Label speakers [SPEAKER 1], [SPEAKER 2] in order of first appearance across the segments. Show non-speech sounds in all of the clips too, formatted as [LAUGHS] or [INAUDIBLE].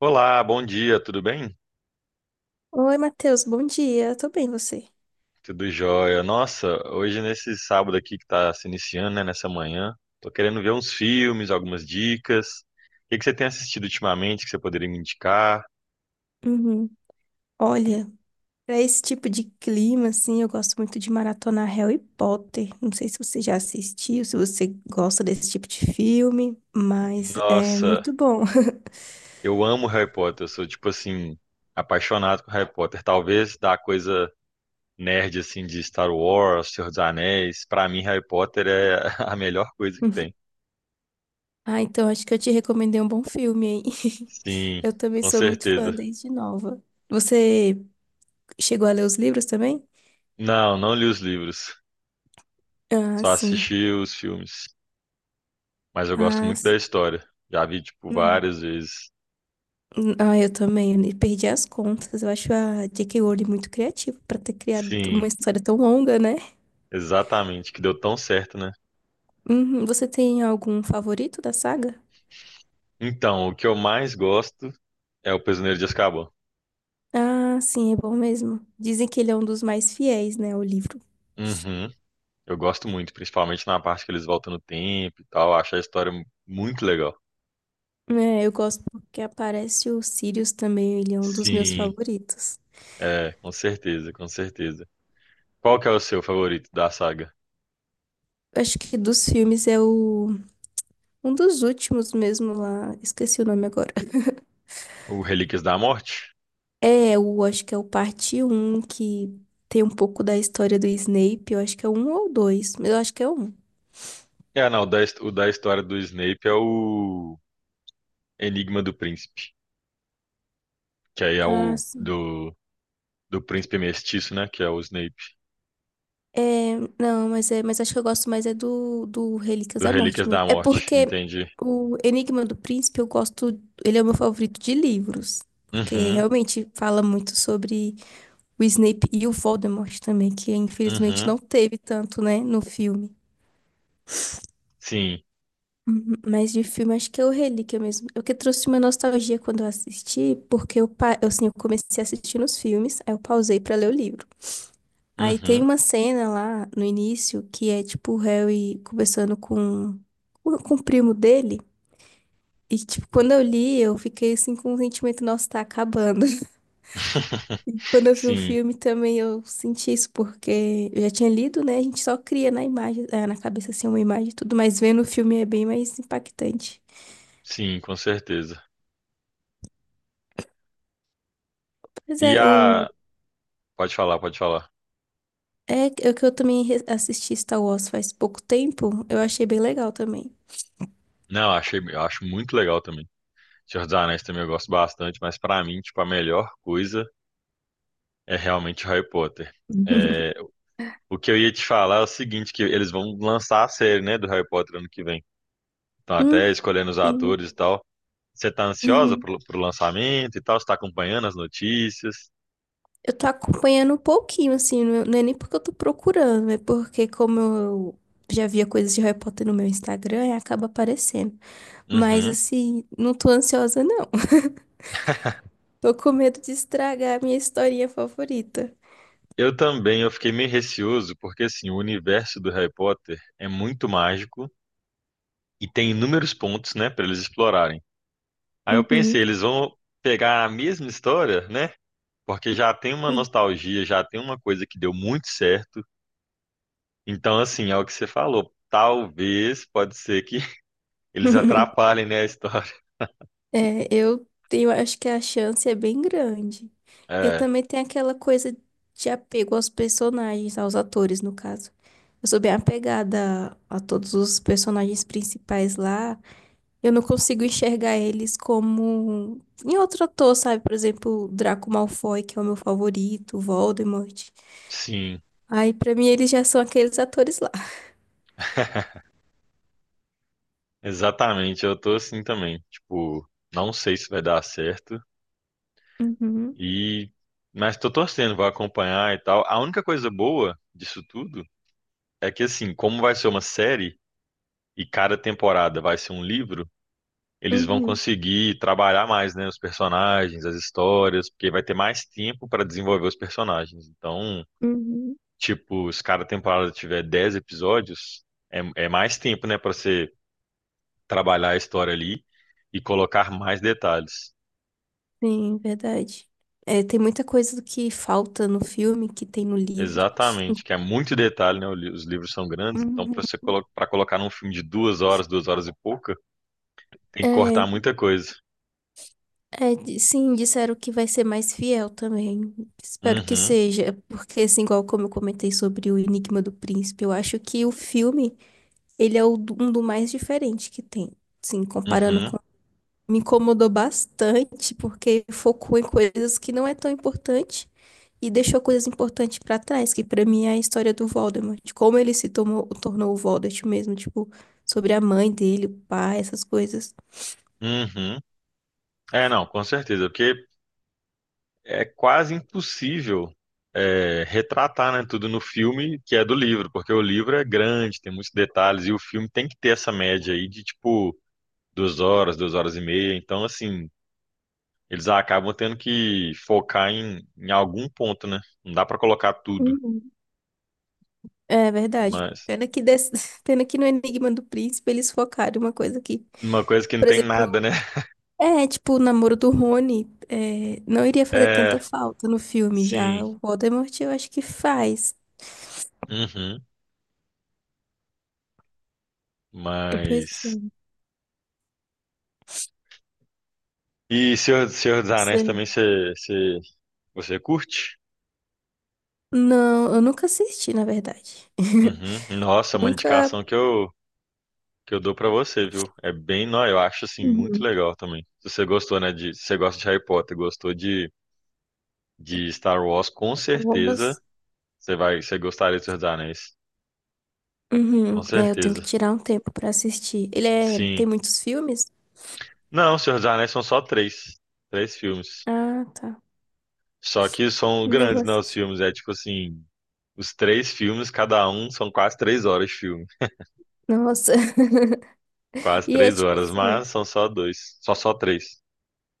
[SPEAKER 1] Olá, bom dia, tudo bem?
[SPEAKER 2] Oi, Matheus, bom dia. Tô bem, você?
[SPEAKER 1] Tudo jóia. Nossa, hoje nesse sábado aqui que tá se iniciando, né, nessa manhã, tô querendo ver uns filmes, algumas dicas. O que que você tem assistido ultimamente que você poderia me indicar?
[SPEAKER 2] Uhum. Olha, pra esse tipo de clima, assim, eu gosto muito de maratonar Harry Potter. Não sei se você já assistiu, se você gosta desse tipo de filme, mas é
[SPEAKER 1] Nossa,
[SPEAKER 2] muito bom.
[SPEAKER 1] eu amo Harry Potter, eu sou tipo assim, apaixonado por Harry Potter. Talvez da coisa nerd assim de Star Wars, Senhor dos Anéis, pra mim Harry Potter é [LAUGHS] a melhor coisa que tem.
[SPEAKER 2] [LAUGHS] Ah, então acho que eu te recomendei um bom filme, hein? [LAUGHS]
[SPEAKER 1] Sim,
[SPEAKER 2] Eu também
[SPEAKER 1] com
[SPEAKER 2] sou muito fã
[SPEAKER 1] certeza.
[SPEAKER 2] desde nova. Você chegou a ler os livros também?
[SPEAKER 1] Não, não li os livros,
[SPEAKER 2] Ah,
[SPEAKER 1] só
[SPEAKER 2] sim.
[SPEAKER 1] assisti os filmes. Mas eu gosto
[SPEAKER 2] Ah,
[SPEAKER 1] muito da
[SPEAKER 2] s-
[SPEAKER 1] história. Já vi, tipo, várias vezes.
[SPEAKER 2] Ah, eu também, eu perdi as contas. Eu acho a J.K. Rowling muito criativa pra ter criado
[SPEAKER 1] Sim,
[SPEAKER 2] uma história tão longa, né?
[SPEAKER 1] exatamente, que deu tão certo, né?
[SPEAKER 2] Uhum. Você tem algum favorito da saga?
[SPEAKER 1] Então, o que eu mais gosto é o Prisioneiro de Azkaban.
[SPEAKER 2] Ah, sim, é bom mesmo. Dizem que ele é um dos mais fiéis, né, ao livro.
[SPEAKER 1] Uhum, eu gosto muito, principalmente na parte que eles voltam no tempo e tal. Acho a história muito legal.
[SPEAKER 2] É, eu gosto porque aparece o Sirius também, ele é um dos meus
[SPEAKER 1] Sim,
[SPEAKER 2] favoritos.
[SPEAKER 1] é, com certeza, com certeza. Qual que é o seu favorito da saga?
[SPEAKER 2] Acho que dos filmes é o um dos últimos mesmo lá, esqueci o nome agora.
[SPEAKER 1] O Relíquias da Morte?
[SPEAKER 2] É, eu acho que é o parte Um que tem um pouco da história do Snape. Eu acho que é um ou dois, mas eu acho que é um.
[SPEAKER 1] É, não, o da história do Snape é o Enigma do Príncipe, que aí é
[SPEAKER 2] Ah,
[SPEAKER 1] o
[SPEAKER 2] sim.
[SPEAKER 1] do príncipe mestiço, né? Que é o Snape,
[SPEAKER 2] É, não, mas é, mas acho que eu gosto mais é do Relíquias
[SPEAKER 1] do
[SPEAKER 2] da Morte
[SPEAKER 1] Relíquias
[SPEAKER 2] mesmo.
[SPEAKER 1] da
[SPEAKER 2] É
[SPEAKER 1] Morte,
[SPEAKER 2] porque
[SPEAKER 1] entendi.
[SPEAKER 2] o Enigma do Príncipe eu gosto, ele é o meu favorito de livros, porque
[SPEAKER 1] Uhum,
[SPEAKER 2] realmente fala muito sobre o Snape e o Voldemort também, que infelizmente
[SPEAKER 1] uhum,
[SPEAKER 2] não teve tanto, né, no filme.
[SPEAKER 1] sim,
[SPEAKER 2] Uhum. Mas de filme, acho que é o Relíquia mesmo. Eu que trouxe uma nostalgia quando eu assisti, porque eu, assim, eu comecei a assistir nos filmes, aí eu pausei pra ler o livro. Aí tem
[SPEAKER 1] uhum.
[SPEAKER 2] uma cena lá no início que é tipo o Harry conversando com o primo dele. E tipo, quando eu li, eu fiquei assim com um sentimento, nossa, tá acabando. [LAUGHS]
[SPEAKER 1] [LAUGHS]
[SPEAKER 2] Quando eu vi o
[SPEAKER 1] Sim,
[SPEAKER 2] filme também eu senti isso, porque eu já tinha lido, né? A gente só cria na imagem, na cabeça assim uma imagem e tudo, mas vendo o filme é bem mais impactante.
[SPEAKER 1] sim, com certeza.
[SPEAKER 2] Pois
[SPEAKER 1] E
[SPEAKER 2] é, o
[SPEAKER 1] a. Pode falar, pode falar.
[SPEAKER 2] É que eu também assisti Star Wars faz pouco tempo, eu achei bem legal também.
[SPEAKER 1] Não, achei, eu acho muito legal também. Senhor dos Anéis também eu gosto bastante, mas pra mim, tipo, a melhor coisa é realmente Harry Potter. É,
[SPEAKER 2] [LAUGHS]
[SPEAKER 1] o que eu ia te falar é o seguinte, que eles vão lançar a série, né, do Harry Potter ano que vem. Estão até
[SPEAKER 2] Hum,
[SPEAKER 1] escolhendo os
[SPEAKER 2] sim.
[SPEAKER 1] atores e tal. Você está ansiosa
[SPEAKER 2] Uhum.
[SPEAKER 1] pro lançamento e tal? Você tá acompanhando as notícias?
[SPEAKER 2] Eu tô acompanhando um pouquinho, assim, não é nem porque eu tô procurando, é porque como eu já via coisas de Harry Potter no meu Instagram, aí acaba aparecendo. Mas,
[SPEAKER 1] Uhum.
[SPEAKER 2] assim, não tô ansiosa, não. [LAUGHS] Tô com medo de estragar a minha historinha favorita.
[SPEAKER 1] Eu também, eu fiquei meio receoso, porque assim, o universo do Harry Potter é muito mágico e tem inúmeros pontos, né, para eles explorarem. Aí eu
[SPEAKER 2] Uhum.
[SPEAKER 1] pensei, eles vão pegar a mesma história, né? Porque já tem uma nostalgia, já tem uma coisa que deu muito certo. Então, assim, é o que você falou. Talvez, pode ser que [LAUGHS] eles
[SPEAKER 2] [LAUGHS]
[SPEAKER 1] atrapalhem, né, a história.
[SPEAKER 2] É, eu, tenho acho que a chance é bem grande. E
[SPEAKER 1] É,
[SPEAKER 2] também tem aquela coisa de apego aos personagens, aos atores, no caso. Eu sou bem apegada a todos os personagens principais lá. Eu não consigo enxergar eles como em outro ator, sabe? Por exemplo, Draco Malfoy, que é o meu favorito, Voldemort.
[SPEAKER 1] sim.
[SPEAKER 2] Aí, pra mim, eles já são aqueles atores lá.
[SPEAKER 1] Exatamente, eu tô assim também. Tipo, não sei se vai dar certo
[SPEAKER 2] Uhum,
[SPEAKER 1] e mas tô torcendo, vou acompanhar e tal. A única coisa boa disso tudo é que assim, como vai ser uma série e cada temporada vai ser um livro, eles vão
[SPEAKER 2] uhum,
[SPEAKER 1] conseguir trabalhar mais, né, os personagens, as histórias, porque vai ter mais tempo para desenvolver os personagens. Então,
[SPEAKER 2] uhum.
[SPEAKER 1] tipo, se cada temporada tiver 10 episódios, é, é mais tempo, né, para você trabalhar a história ali e colocar mais detalhes.
[SPEAKER 2] Sim, verdade. É, tem muita coisa do que falta no filme que tem no livro.
[SPEAKER 1] Exatamente, que é muito detalhe, né? Os livros são grandes, então
[SPEAKER 2] Uhum.
[SPEAKER 1] para você colocar num filme de 2 horas, 2 horas e pouca, tem que
[SPEAKER 2] É,
[SPEAKER 1] cortar muita coisa.
[SPEAKER 2] é, sim, disseram que vai ser mais fiel também. Espero que
[SPEAKER 1] Uhum,
[SPEAKER 2] seja, porque assim, igual como eu comentei sobre o Enigma do Príncipe, eu acho que o filme, ele é um do mais diferente que tem. Sim, comparando
[SPEAKER 1] uhum,
[SPEAKER 2] me incomodou bastante porque focou em coisas que não é tão importante e deixou coisas importantes pra trás, que pra mim é a história do Voldemort, de como ele se tornou o Voldemort mesmo, tipo, sobre a mãe dele, o pai, essas coisas.
[SPEAKER 1] uhum. É, não, com certeza, porque é quase impossível é, retratar, né, tudo no filme que é do livro, porque o livro é grande, tem muitos detalhes, e o filme tem que ter essa média aí de tipo 2 horas, 2 horas e meia. Então, assim, eles acabam tendo que focar em algum ponto, né? Não dá para colocar tudo.
[SPEAKER 2] Uhum. É verdade.
[SPEAKER 1] Mas
[SPEAKER 2] [LAUGHS] Pena que no Enigma do Príncipe eles focaram uma coisa que,
[SPEAKER 1] Uma coisa que não
[SPEAKER 2] por
[SPEAKER 1] tem nada,
[SPEAKER 2] exemplo,
[SPEAKER 1] né?
[SPEAKER 2] é tipo o namoro do Rony, é, não iria fazer tanta
[SPEAKER 1] É,
[SPEAKER 2] falta no filme
[SPEAKER 1] sim.
[SPEAKER 2] já. O Voldemort eu acho que faz.
[SPEAKER 1] Uhum.
[SPEAKER 2] Pois
[SPEAKER 1] Mas.
[SPEAKER 2] é,
[SPEAKER 1] E Senhor dos
[SPEAKER 2] não
[SPEAKER 1] Anéis também
[SPEAKER 2] sei.
[SPEAKER 1] você curte?
[SPEAKER 2] Não, eu nunca assisti, na verdade.
[SPEAKER 1] Uhum. Nossa,
[SPEAKER 2] [LAUGHS]
[SPEAKER 1] uma
[SPEAKER 2] Nunca.
[SPEAKER 1] indicação que eu dou pra você, viu? É bem, não, eu acho assim muito
[SPEAKER 2] Uhum.
[SPEAKER 1] legal também. Se você gostou, né, se você gosta de Harry Potter, gostou de Star Wars, com certeza
[SPEAKER 2] Novas.
[SPEAKER 1] você gostaria de Senhor dos Anéis.
[SPEAKER 2] Uhum,
[SPEAKER 1] Com
[SPEAKER 2] né, eu tenho que
[SPEAKER 1] certeza.
[SPEAKER 2] tirar um tempo pra assistir. Ele é... tem
[SPEAKER 1] Sim.
[SPEAKER 2] muitos filmes?
[SPEAKER 1] Não, Senhor dos Anéis são só três filmes.
[SPEAKER 2] Ah, tá.
[SPEAKER 1] Só que são
[SPEAKER 2] Eu vou
[SPEAKER 1] grandes, né, os
[SPEAKER 2] assistir.
[SPEAKER 1] filmes. É tipo assim, os três filmes, cada um, são quase 3 horas de filme.
[SPEAKER 2] Nossa. [LAUGHS]
[SPEAKER 1] Quase
[SPEAKER 2] E é
[SPEAKER 1] três
[SPEAKER 2] tipo
[SPEAKER 1] horas,
[SPEAKER 2] assim.
[SPEAKER 1] mas são só dois. Só três.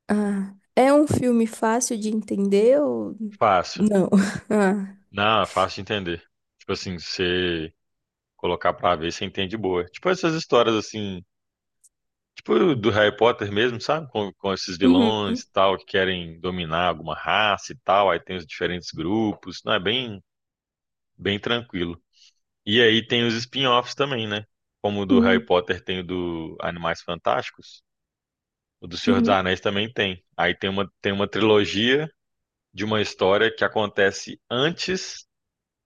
[SPEAKER 2] Ah, é um filme fácil de entender ou
[SPEAKER 1] Fácil.
[SPEAKER 2] não? [LAUGHS] Ah.
[SPEAKER 1] Não, é fácil de entender. Tipo assim, você colocar pra ver, você entende boa. Tipo essas histórias assim, tipo do Harry Potter mesmo, sabe? Com esses
[SPEAKER 2] Uhum,
[SPEAKER 1] vilões e tal, que querem dominar alguma raça e tal. Aí tem os diferentes grupos. Não, é bem, bem tranquilo. E aí tem os spin-offs também, né? Como o do Harry
[SPEAKER 2] uhum,
[SPEAKER 1] Potter tem o do Animais Fantásticos, o do Senhor dos
[SPEAKER 2] uhum,
[SPEAKER 1] Anéis também tem. Aí tem uma trilogia de uma história que acontece antes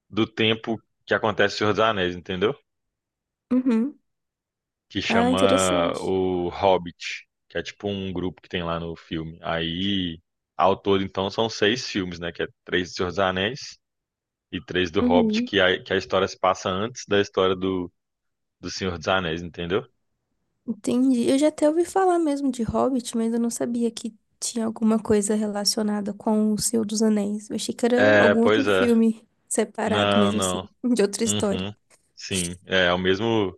[SPEAKER 1] do tempo que acontece o Senhor dos Anéis, entendeu?
[SPEAKER 2] uhum.
[SPEAKER 1] Que
[SPEAKER 2] Ah,
[SPEAKER 1] chama
[SPEAKER 2] interessante.
[SPEAKER 1] o Hobbit, que é tipo um grupo que tem lá no filme. Aí, ao todo, então, são seis filmes, né? Que é três do Senhor dos Anéis e três do Hobbit,
[SPEAKER 2] Uhum.
[SPEAKER 1] que a história se passa antes da história do Senhor dos Anéis, entendeu?
[SPEAKER 2] Entendi. Eu já até ouvi falar mesmo de Hobbit, mas eu não sabia que tinha alguma coisa relacionada com o Senhor dos Anéis. Eu achei que era
[SPEAKER 1] É,
[SPEAKER 2] algum outro
[SPEAKER 1] pois é.
[SPEAKER 2] filme separado
[SPEAKER 1] Não,
[SPEAKER 2] mesmo assim,
[SPEAKER 1] não.
[SPEAKER 2] [LAUGHS] de outra história.
[SPEAKER 1] Uhum. Sim, é, é o mesmo,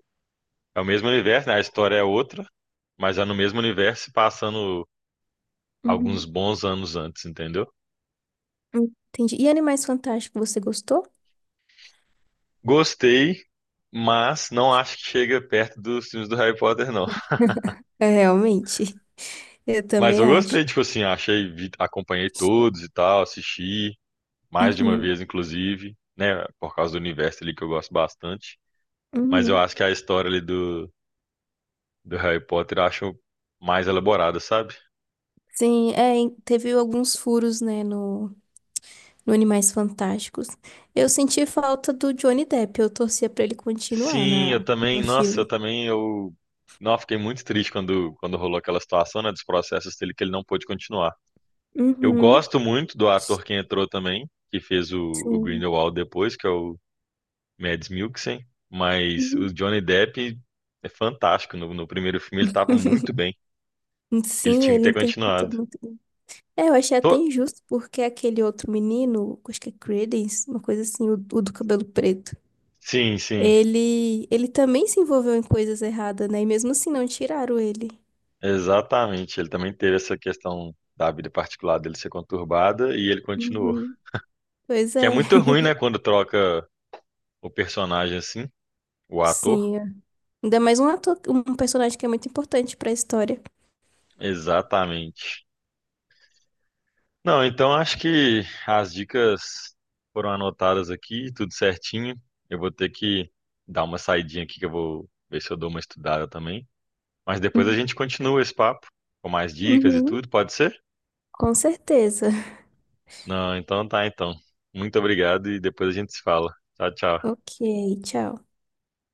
[SPEAKER 1] é o mesmo universo, né? A história é outra, mas é no mesmo universo, passando alguns
[SPEAKER 2] Uhum.
[SPEAKER 1] bons anos antes, entendeu?
[SPEAKER 2] Entendi. E Animais Fantásticos, você gostou?
[SPEAKER 1] Gostei, mas não acho que chega perto dos filmes do Harry Potter, não. [LAUGHS]
[SPEAKER 2] [LAUGHS] É, realmente. Eu
[SPEAKER 1] Mas eu
[SPEAKER 2] também acho.
[SPEAKER 1] gostei, tipo assim, achei, acompanhei todos e tal, assisti mais de uma
[SPEAKER 2] Uhum,
[SPEAKER 1] vez, inclusive, né? Por causa do universo ali que eu gosto bastante. Mas eu
[SPEAKER 2] uhum.
[SPEAKER 1] acho que a história ali do Harry Potter eu acho mais elaborada, sabe?
[SPEAKER 2] Sim, é, teve alguns furos, né, no, no Animais Fantásticos. Eu senti falta do Johnny Depp, eu torcia pra ele continuar
[SPEAKER 1] Sim, eu
[SPEAKER 2] na, no
[SPEAKER 1] também, nossa, eu
[SPEAKER 2] filme.
[SPEAKER 1] também, não, fiquei muito triste quando rolou aquela situação, né, dos processos dele, que ele não pôde continuar. Eu
[SPEAKER 2] Uhum,
[SPEAKER 1] gosto muito do ator que entrou também, que fez o
[SPEAKER 2] sim.
[SPEAKER 1] Grindelwald depois, que é o Mads Mikkelsen, mas o
[SPEAKER 2] Uhum.
[SPEAKER 1] Johnny Depp é fantástico, no primeiro filme ele estava muito
[SPEAKER 2] [LAUGHS]
[SPEAKER 1] bem, ele
[SPEAKER 2] Sim,
[SPEAKER 1] tinha que
[SPEAKER 2] ele
[SPEAKER 1] ter
[SPEAKER 2] interpretou
[SPEAKER 1] continuado.
[SPEAKER 2] muito bem. É, eu achei até
[SPEAKER 1] Tô-
[SPEAKER 2] injusto, porque aquele outro menino, acho que é Credence, uma coisa assim, o do cabelo preto,
[SPEAKER 1] Sim, sim,
[SPEAKER 2] ele também se envolveu em coisas erradas, né? E mesmo assim não tiraram ele.
[SPEAKER 1] exatamente, ele também teve essa questão da vida particular dele ser conturbada e ele continuou.
[SPEAKER 2] Uhum. Pois
[SPEAKER 1] Que é
[SPEAKER 2] é,
[SPEAKER 1] muito
[SPEAKER 2] [LAUGHS]
[SPEAKER 1] ruim, né, quando troca o personagem assim, o ator.
[SPEAKER 2] sim. É. Ainda mais um ator, um personagem que é muito importante pra história.
[SPEAKER 1] Exatamente. Não, então acho que as dicas foram anotadas aqui, tudo certinho. Eu vou ter que dar uma saidinha aqui que eu vou ver se eu dou uma estudada também. Mas depois a
[SPEAKER 2] Uhum.
[SPEAKER 1] gente continua esse papo com mais dicas e
[SPEAKER 2] Uhum.
[SPEAKER 1] tudo, pode ser?
[SPEAKER 2] Com certeza.
[SPEAKER 1] Não, então tá, então. Muito obrigado e depois a gente se fala. Tchau, tchau.
[SPEAKER 2] Ok, tchau.